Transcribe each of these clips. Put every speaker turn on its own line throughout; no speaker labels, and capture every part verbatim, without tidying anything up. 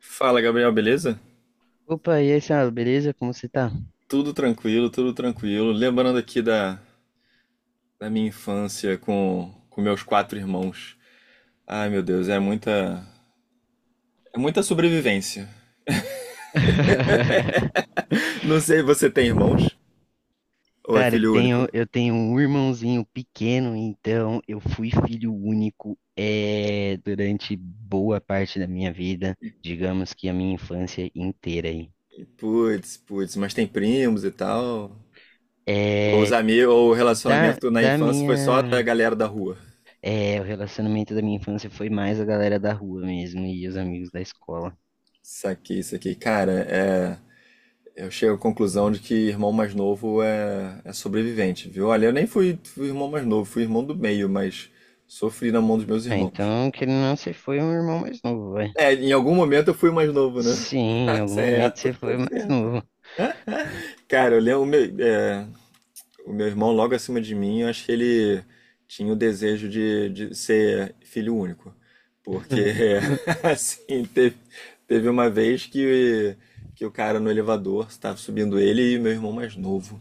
Fala, Gabriel, beleza?
Opa, e aí, senhora, beleza? Como você tá?
Tudo tranquilo, tudo tranquilo. Lembrando aqui da, da minha infância com, com meus quatro irmãos. Ai, meu Deus, é muita, é muita sobrevivência. Não sei, você tem irmãos? Ou é
Cara, eu
filho único?
tenho, eu tenho um irmãozinho pequeno, então eu fui filho único é, durante boa parte da minha vida, digamos que a minha infância inteira aí.
Putz, putz, mas tem primos e tal. Ou os
É,
amigos, ou o
da,
relacionamento na
da
infância foi só da
minha,
galera da rua.
é, o relacionamento da minha infância foi mais a galera da rua mesmo e os amigos da escola.
Saquei isso aqui. Cara, é. Eu chego à conclusão de que irmão mais novo é, é sobrevivente, viu? Olha, eu nem fui, fui irmão mais novo, fui irmão do meio, mas sofri na mão dos meus
Ah,
irmãos.
então, querendo ou não, você foi um irmão mais novo, vai.
É, em algum momento eu fui mais novo, né?
Sim, em
Tá
algum momento
certo,
você
tá
foi mais
certo.
novo.
Cara, eu lembro, o meu, é, o meu irmão logo acima de mim, eu acho que ele tinha o desejo de, de ser filho único. Porque, assim, teve, teve uma vez que, que o cara no elevador estava subindo ele e meu irmão mais novo.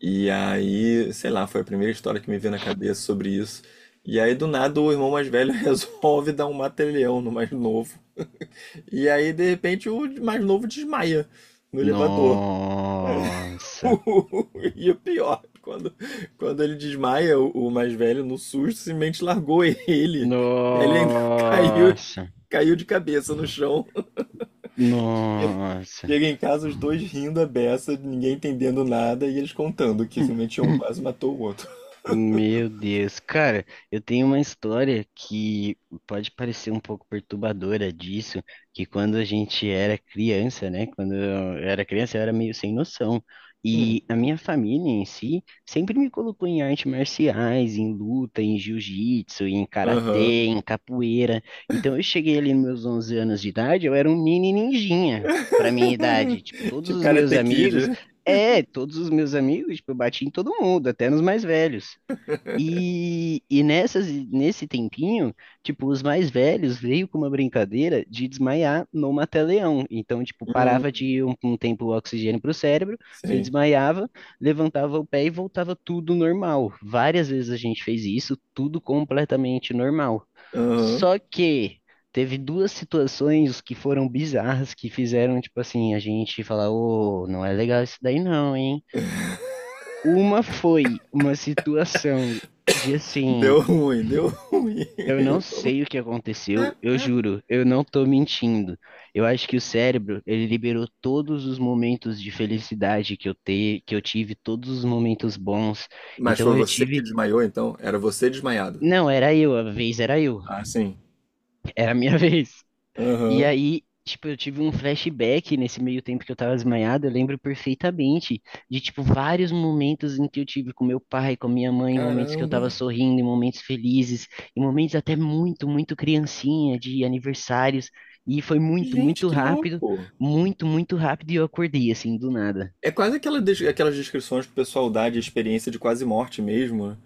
E aí, sei lá, foi a primeira história que me veio na cabeça sobre isso. E aí, do nada, o irmão mais velho resolve dar um mata-leão no mais novo. E aí, de repente, o mais novo desmaia no elevador.
Nossa.
E o pior, quando, quando ele desmaia, o o mais velho, no susto, simplesmente largou ele. E aí ele ainda caiu,
Nossa,
caiu de cabeça no chão.
nossa.
Chega em casa, os dois rindo a beça, ninguém entendendo nada, e eles contando que simplesmente um quase matou o outro.
Meu Deus, cara, eu tenho uma história que pode parecer um pouco perturbadora disso, que quando a gente era criança, né? Quando eu era criança, eu era meio sem noção. E a minha família em si sempre me colocou em artes marciais, em luta, em jiu-jitsu, em
Aham.
karatê, em capoeira. Então eu cheguei ali nos meus onze anos de idade, eu era um mini ninjinha para minha idade. Tipo, todos
Tipo
os meus
Karate Kid,
amigos,
né?
é, todos os meus amigos, tipo, eu bati em todo mundo, até nos mais velhos. E, e nessas, nesse tempinho, tipo, os mais velhos veio com uma brincadeira de desmaiar no mata-leão. Então, tipo, parava
Hum,
de um, um tempo o oxigênio para o cérebro, você
sim.
desmaiava, levantava o pé e voltava tudo normal. Várias vezes a gente fez isso, tudo completamente normal.
Aham.
Só que teve duas situações que foram bizarras, que fizeram, tipo assim, a gente falar, ô, não é legal isso daí não, hein? Uma foi uma situação de assim,
Deu ruim, deu ruim.
eu não sei o que aconteceu, eu juro, eu não tô mentindo. Eu acho que o cérebro, ele liberou todos os momentos de felicidade que eu te, que eu tive, todos os momentos bons.
Mas
Então
foi
eu
você que
tive,
desmaiou, então? Era você desmaiado?
não, era eu, a vez era eu,
Ah, sim.
era a minha vez. E
Aham.
aí, tipo, eu tive um flashback nesse meio tempo que eu tava desmaiado, eu lembro perfeitamente de, tipo, vários momentos em que eu tive com meu pai, com minha mãe, momentos que eu tava
Caramba.
sorrindo, em momentos felizes, em momentos até muito, muito criancinha, de aniversários, e foi muito,
Gente,
muito
que
rápido,
louco.
muito, muito rápido, e eu acordei, assim, do nada.
É quase aquela des- aquelas descrições que o pessoal dá de experiência de quase morte mesmo, né?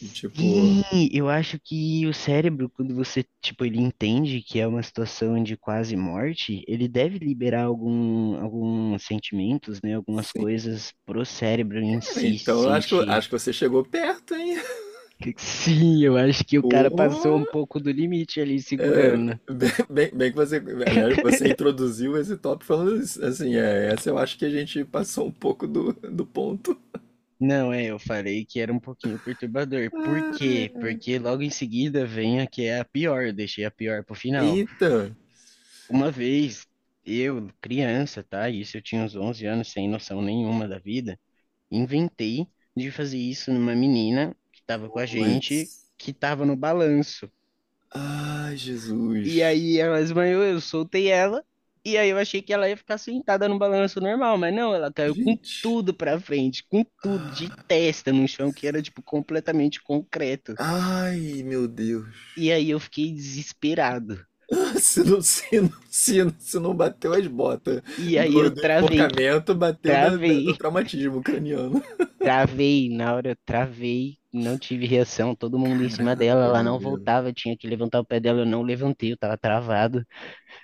De tipo.
Sim, eu acho que o cérebro, quando você, tipo, ele entende que é uma situação de quase morte, ele deve liberar algum, alguns sentimentos, né? Algumas
Sim.
coisas pro cérebro em
Cara,
si
então eu acho que, eu-
sentir.
acho que você chegou perto, hein?
Sim, eu acho que o cara passou
Pô.
um pouco do limite ali segurando.
Bem, bem, bem que você, aliás, você introduziu esse tópico falando isso, assim, é, essa eu acho que a gente passou um pouco do, do ponto.
Não, é, eu falei que era um pouquinho perturbador. Por quê?
Ah,
Porque logo em seguida vem a que é a pior, eu deixei a pior pro final.
eita!
Uma vez, eu, criança, tá? Isso eu tinha uns onze anos, sem noção nenhuma da vida, inventei de fazer isso numa menina que estava com a gente,
Putz.
que estava no balanço.
Ai,
E
Jesus.
aí ela esbanhou eu soltei ela, e aí eu achei que ela ia ficar sentada no balanço normal, mas não, ela caiu com
Gente.
tudo pra frente, com tudo, de
Ah,
testa no chão, que era, tipo, completamente concreto.
ai, meu Deus.
E aí eu fiquei desesperado.
Se não, se não, se não, se não bateu as botas
E aí
do,
eu
do
travei,
enforcamento, bateu da- da- do
travei.
traumatismo craniano.
Travei na hora, eu travei, não tive reação, todo mundo em cima dela,
Caramba,
ela não
Gabriel.
voltava, eu tinha que levantar o pé dela, eu não levantei, eu tava travado.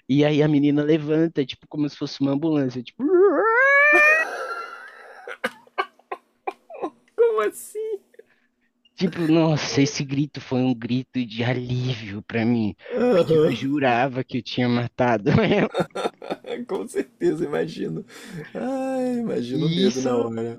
E aí a menina levanta, tipo, como se fosse uma ambulância, tipo, "Uar".
Como assim?
Tipo, nossa, esse grito foi um grito de alívio pra mim, porque eu
Aham.
jurava que eu tinha matado ela.
É, com certeza, imagino. Ai, imagino o
E
medo na
isso,
hora.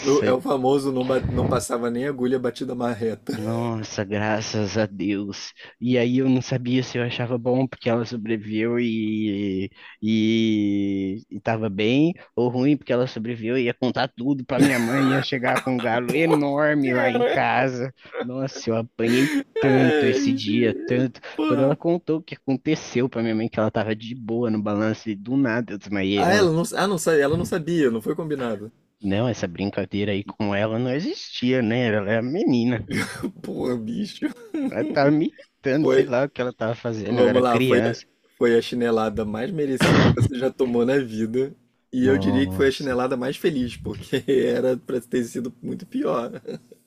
O- É o famoso não, ba- não passava nem agulha batida marreta.
nossa, graças a Deus. E aí eu não sabia se eu achava bom porque ela sobreviveu e e, e tava bem, ou ruim porque ela sobreviveu e ia contar tudo pra minha mãe, ia chegar com um galo enorme lá em casa. Nossa, eu apanhei tanto esse
Ai,
dia,
gente,
tanto. Quando ela
porra.
contou o que aconteceu pra minha mãe, que ela tava de boa no balanço e do nada eu desmaiei
Ah,
ela.
ela não, ah, não, sa- ela não sabia, não foi combinado.
Não, essa brincadeira aí com ela não existia, né? Ela é a menina.
Porra, bicho.
Ela tava me irritando, sei
Foi,
lá o que ela tava fazendo, eu
vamos
era
lá, foi, a-
criança.
foi a chinelada mais merecida que você já tomou na vida. E eu diria que foi a
Nossa,
chinelada mais feliz, porque era pra ter sido muito pior.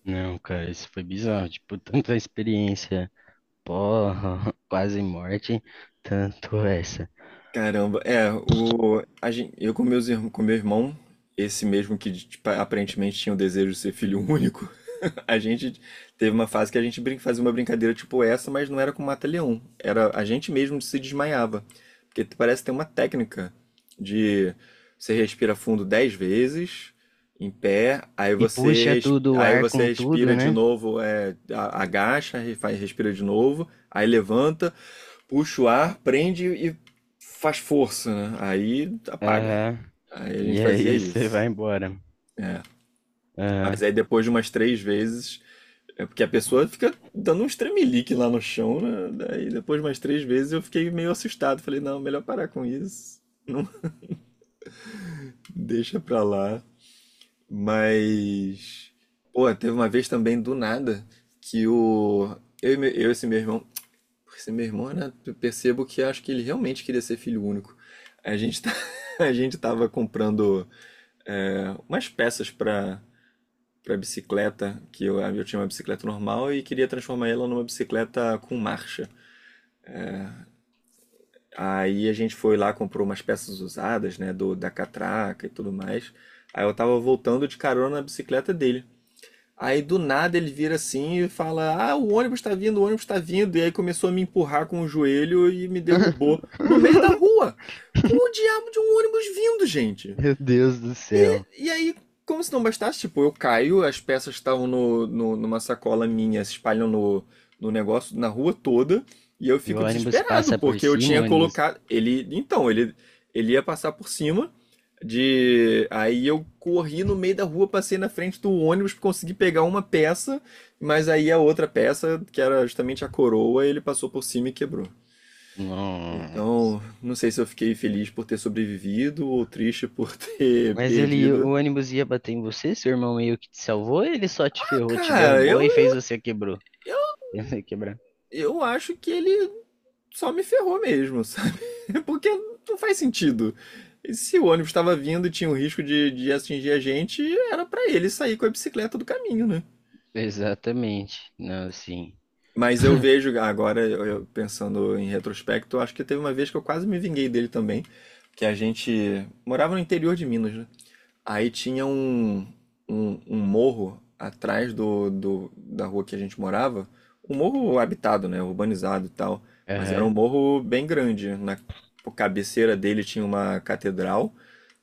não, cara, isso foi bizarro. Tipo, tanto a experiência, porra, quase morte, tanto essa.
Caramba, é, o, a gente, eu com, meus, irm- com meu irmão, esse mesmo que tipo, aparentemente tinha o desejo de ser filho único, a gente teve uma fase que a gente brin- fazia uma brincadeira tipo essa, mas não era com mata-leão, era a gente mesmo se desmaiava, porque t- parece ter uma técnica de você respira fundo dez vezes, em pé, aí
E
você,
puxa
res-
tudo o
aí
ar
você
com
respira
tudo,
de
né?
novo, é, a- agacha, re- fa- respira de novo, aí levanta. Puxa o ar, prende e faz força, né? Aí apaga.
Aham.
Aí a gente
E
fazia
aí você vai
isso.
embora.
É. Mas
Aham.
aí depois de umas três vezes, é porque a pessoa fica dando uns tremelique lá no chão, né? Daí depois de umas três vezes eu fiquei meio assustado. Falei, não, melhor parar com isso. Não, deixa pra lá. Mas. Pô, teve uma vez também do nada que o. Eu, e meu- eu e esse meu irmão. Porque se meu irmão era, eu percebo que acho que ele realmente queria ser filho único. A gente tá, a gente tava comprando é, umas peças para para bicicleta, que eu, eu tinha uma bicicleta normal e queria transformar ela numa bicicleta com marcha. Aí a gente foi lá, comprou umas peças usadas, né, do da catraca e tudo mais. Aí eu tava voltando de carona na bicicleta dele. Aí do nada ele vira assim e fala: Ah, o ônibus tá vindo, o ônibus tá vindo. E aí começou a me empurrar com o joelho e me derrubou no meio da rua. Com o diabo de um ônibus vindo, gente.
Meu Deus do
E,
céu.
e aí, como se não bastasse, tipo, eu caio, as peças estavam no, no- numa sacola minha, se espalham no, no negócio, na rua toda, e eu
E o
fico
ônibus
desesperado,
passa por
porque eu
cima, o
tinha
ônibus.
colocado. Ele. Então, ele, ele ia passar por cima de. Aí eu corri no meio da rua, passei na frente do ônibus, consegui pegar uma peça, mas aí a outra peça, que era justamente a coroa, ele passou por cima e quebrou.
Não.
Então, não sei se eu fiquei feliz por ter sobrevivido ou triste por ter
Mas ele,
perdido.
o ônibus ia bater em você? Seu irmão meio que te salvou? Ou ele só te ferrou, te
Cara,
derrubou
eu,
e fez você quebrou.
eu,
Quebrar.
eu acho que ele só me ferrou mesmo, sabe? Porque não faz sentido. E se o ônibus estava vindo e tinha o risco de, de atingir a gente, era pra ele sair com a bicicleta do caminho, né?
Exatamente. Não, sim.
Mas eu vejo agora, eu- eu pensando em retrospecto, acho que teve uma vez que eu quase me vinguei dele também, que a gente morava no interior de Minas, né? Aí tinha um, um, um morro atrás do, do, da rua que a gente morava, um morro habitado, né, urbanizado e tal, mas era
Aham,
um morro bem grande. Na cabeceira dele tinha uma catedral,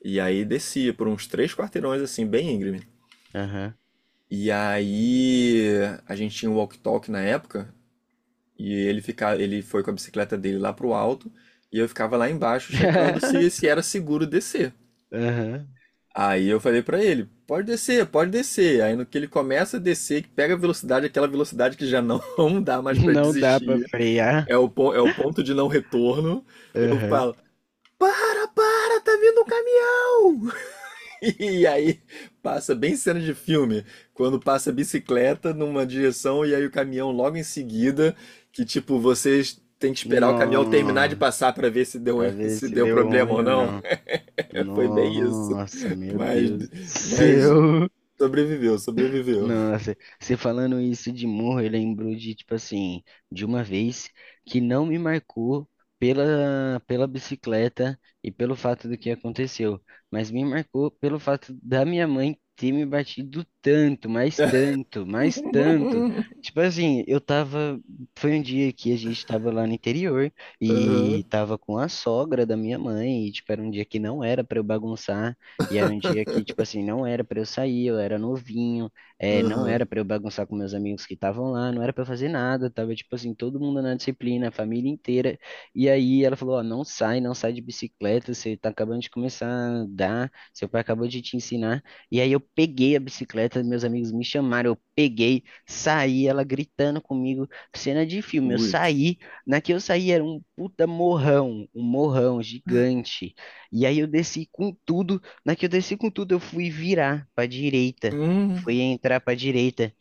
e aí descia por uns três quarteirões, assim, bem íngreme.
aham.
E aí a gente tinha um walk-talk na época, e ele, fica, ele foi com a bicicleta dele lá pro alto, e eu ficava lá embaixo checando se, se era seguro descer.
Aham.
Aí eu falei pra ele, pode descer, pode descer. Aí no que ele começa a descer, que pega a velocidade, aquela velocidade que já não dá mais pra
Não dá pra
desistir,
frear.
é o, pon- é o ponto de não retorno. Eu
Aham.
falo, para, para, tá vindo um caminhão! E aí passa bem cena de filme, quando passa a bicicleta numa direção e aí o caminhão logo em seguida, que tipo, vocês têm que esperar o caminhão terminar de
Nossa,
passar pra ver se deu,
pra ver
se
se
deu
deu
problema ou
ruim ou
não.
não.
Foi bem isso.
Nossa, meu
Mas,
Deus do
mas
céu.
sobreviveu, sobreviveu.
Nossa, você falando isso de morro, eu lembro de, tipo assim, de uma vez que não me marcou pela, pela bicicleta e pelo fato do que aconteceu, mas me marcou pelo fato da minha mãe ter me batido tanto, mais tanto, mais tanto. Tipo assim, eu tava. Foi um dia que a gente tava lá no interior e tava com a sogra da minha mãe, e, tipo, era um dia que não era pra eu bagunçar, e era um dia que, tipo assim, não era pra eu sair, eu era novinho. É, não
Aham.
era para eu bagunçar com meus amigos que estavam lá, não era para fazer nada, tava tipo assim, todo mundo na disciplina, a família inteira. E aí ela falou: Ó, não sai, não sai de bicicleta, você tá acabando de começar a andar, seu pai acabou de te ensinar. E aí eu peguei a bicicleta, meus amigos me chamaram, eu peguei, saí, ela gritando comigo, cena de filme. Eu
Ui.
saí, na que eu saí era um puta morrão, um morrão gigante. E aí eu desci com tudo, na que eu desci com tudo, eu fui virar pra direita.
Hum.
Fui entrar pra direita.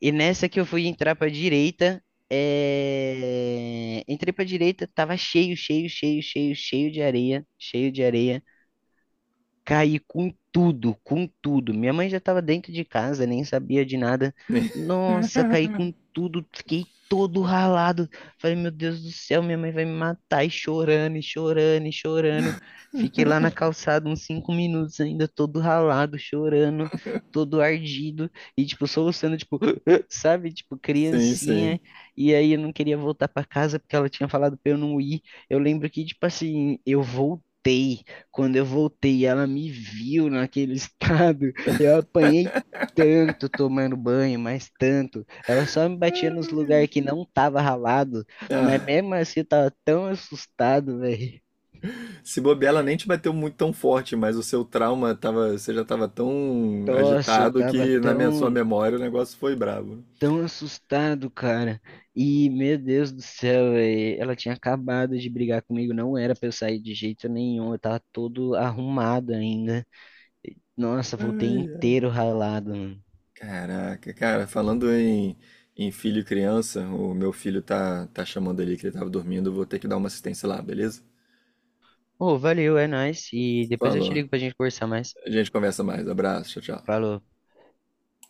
E nessa que eu fui entrar pra direita, é... entrei pra direita, tava cheio, cheio, cheio, cheio, cheio de areia, cheio de areia. Caí com tudo, com tudo. Minha mãe já estava dentro de casa, nem sabia de nada. Nossa, caí com tudo, fiquei todo ralado. Falei, meu Deus do céu, minha mãe vai me matar. E chorando, e chorando, e chorando. Fiquei lá na calçada uns cinco minutos ainda, todo ralado, chorando, todo ardido. E, tipo, soluçando, tipo, sabe? Tipo,
Sim, sim.
criancinha. E aí eu não queria voltar para casa porque ela tinha falado pra eu não ir. Eu lembro que, tipo assim, eu voltei. Quando eu voltei, ela me viu naquele estado. Eu apanhei tanto tomando banho, mas tanto. Ela só me batia nos lugares que não tava ralado. Mas
Ah,
mesmo assim, eu tava tão assustado, velho.
se bobear, ela nem te bateu muito tão forte, mas o seu trauma tava, você já tava tão
Nossa, eu
agitado
tava
que na minha, sua
tão,
memória o negócio foi brabo.
tão assustado, cara. E, meu Deus do céu, velho. Ela tinha acabado de brigar comigo. Não era pra eu sair de jeito nenhum. Eu tava todo arrumado ainda. Nossa, voltei
Ai, ai.
inteiro ralado, mano.
Caraca, cara, falando em, em filho e criança, o meu filho tá, tá chamando ali que ele tava dormindo, eu vou ter que dar uma assistência lá, beleza?
Ô, valeu, é nóis. E depois eu te
Falou.
ligo pra gente conversar mais.
A gente conversa mais. Abraço, tchau, tchau.
Falou.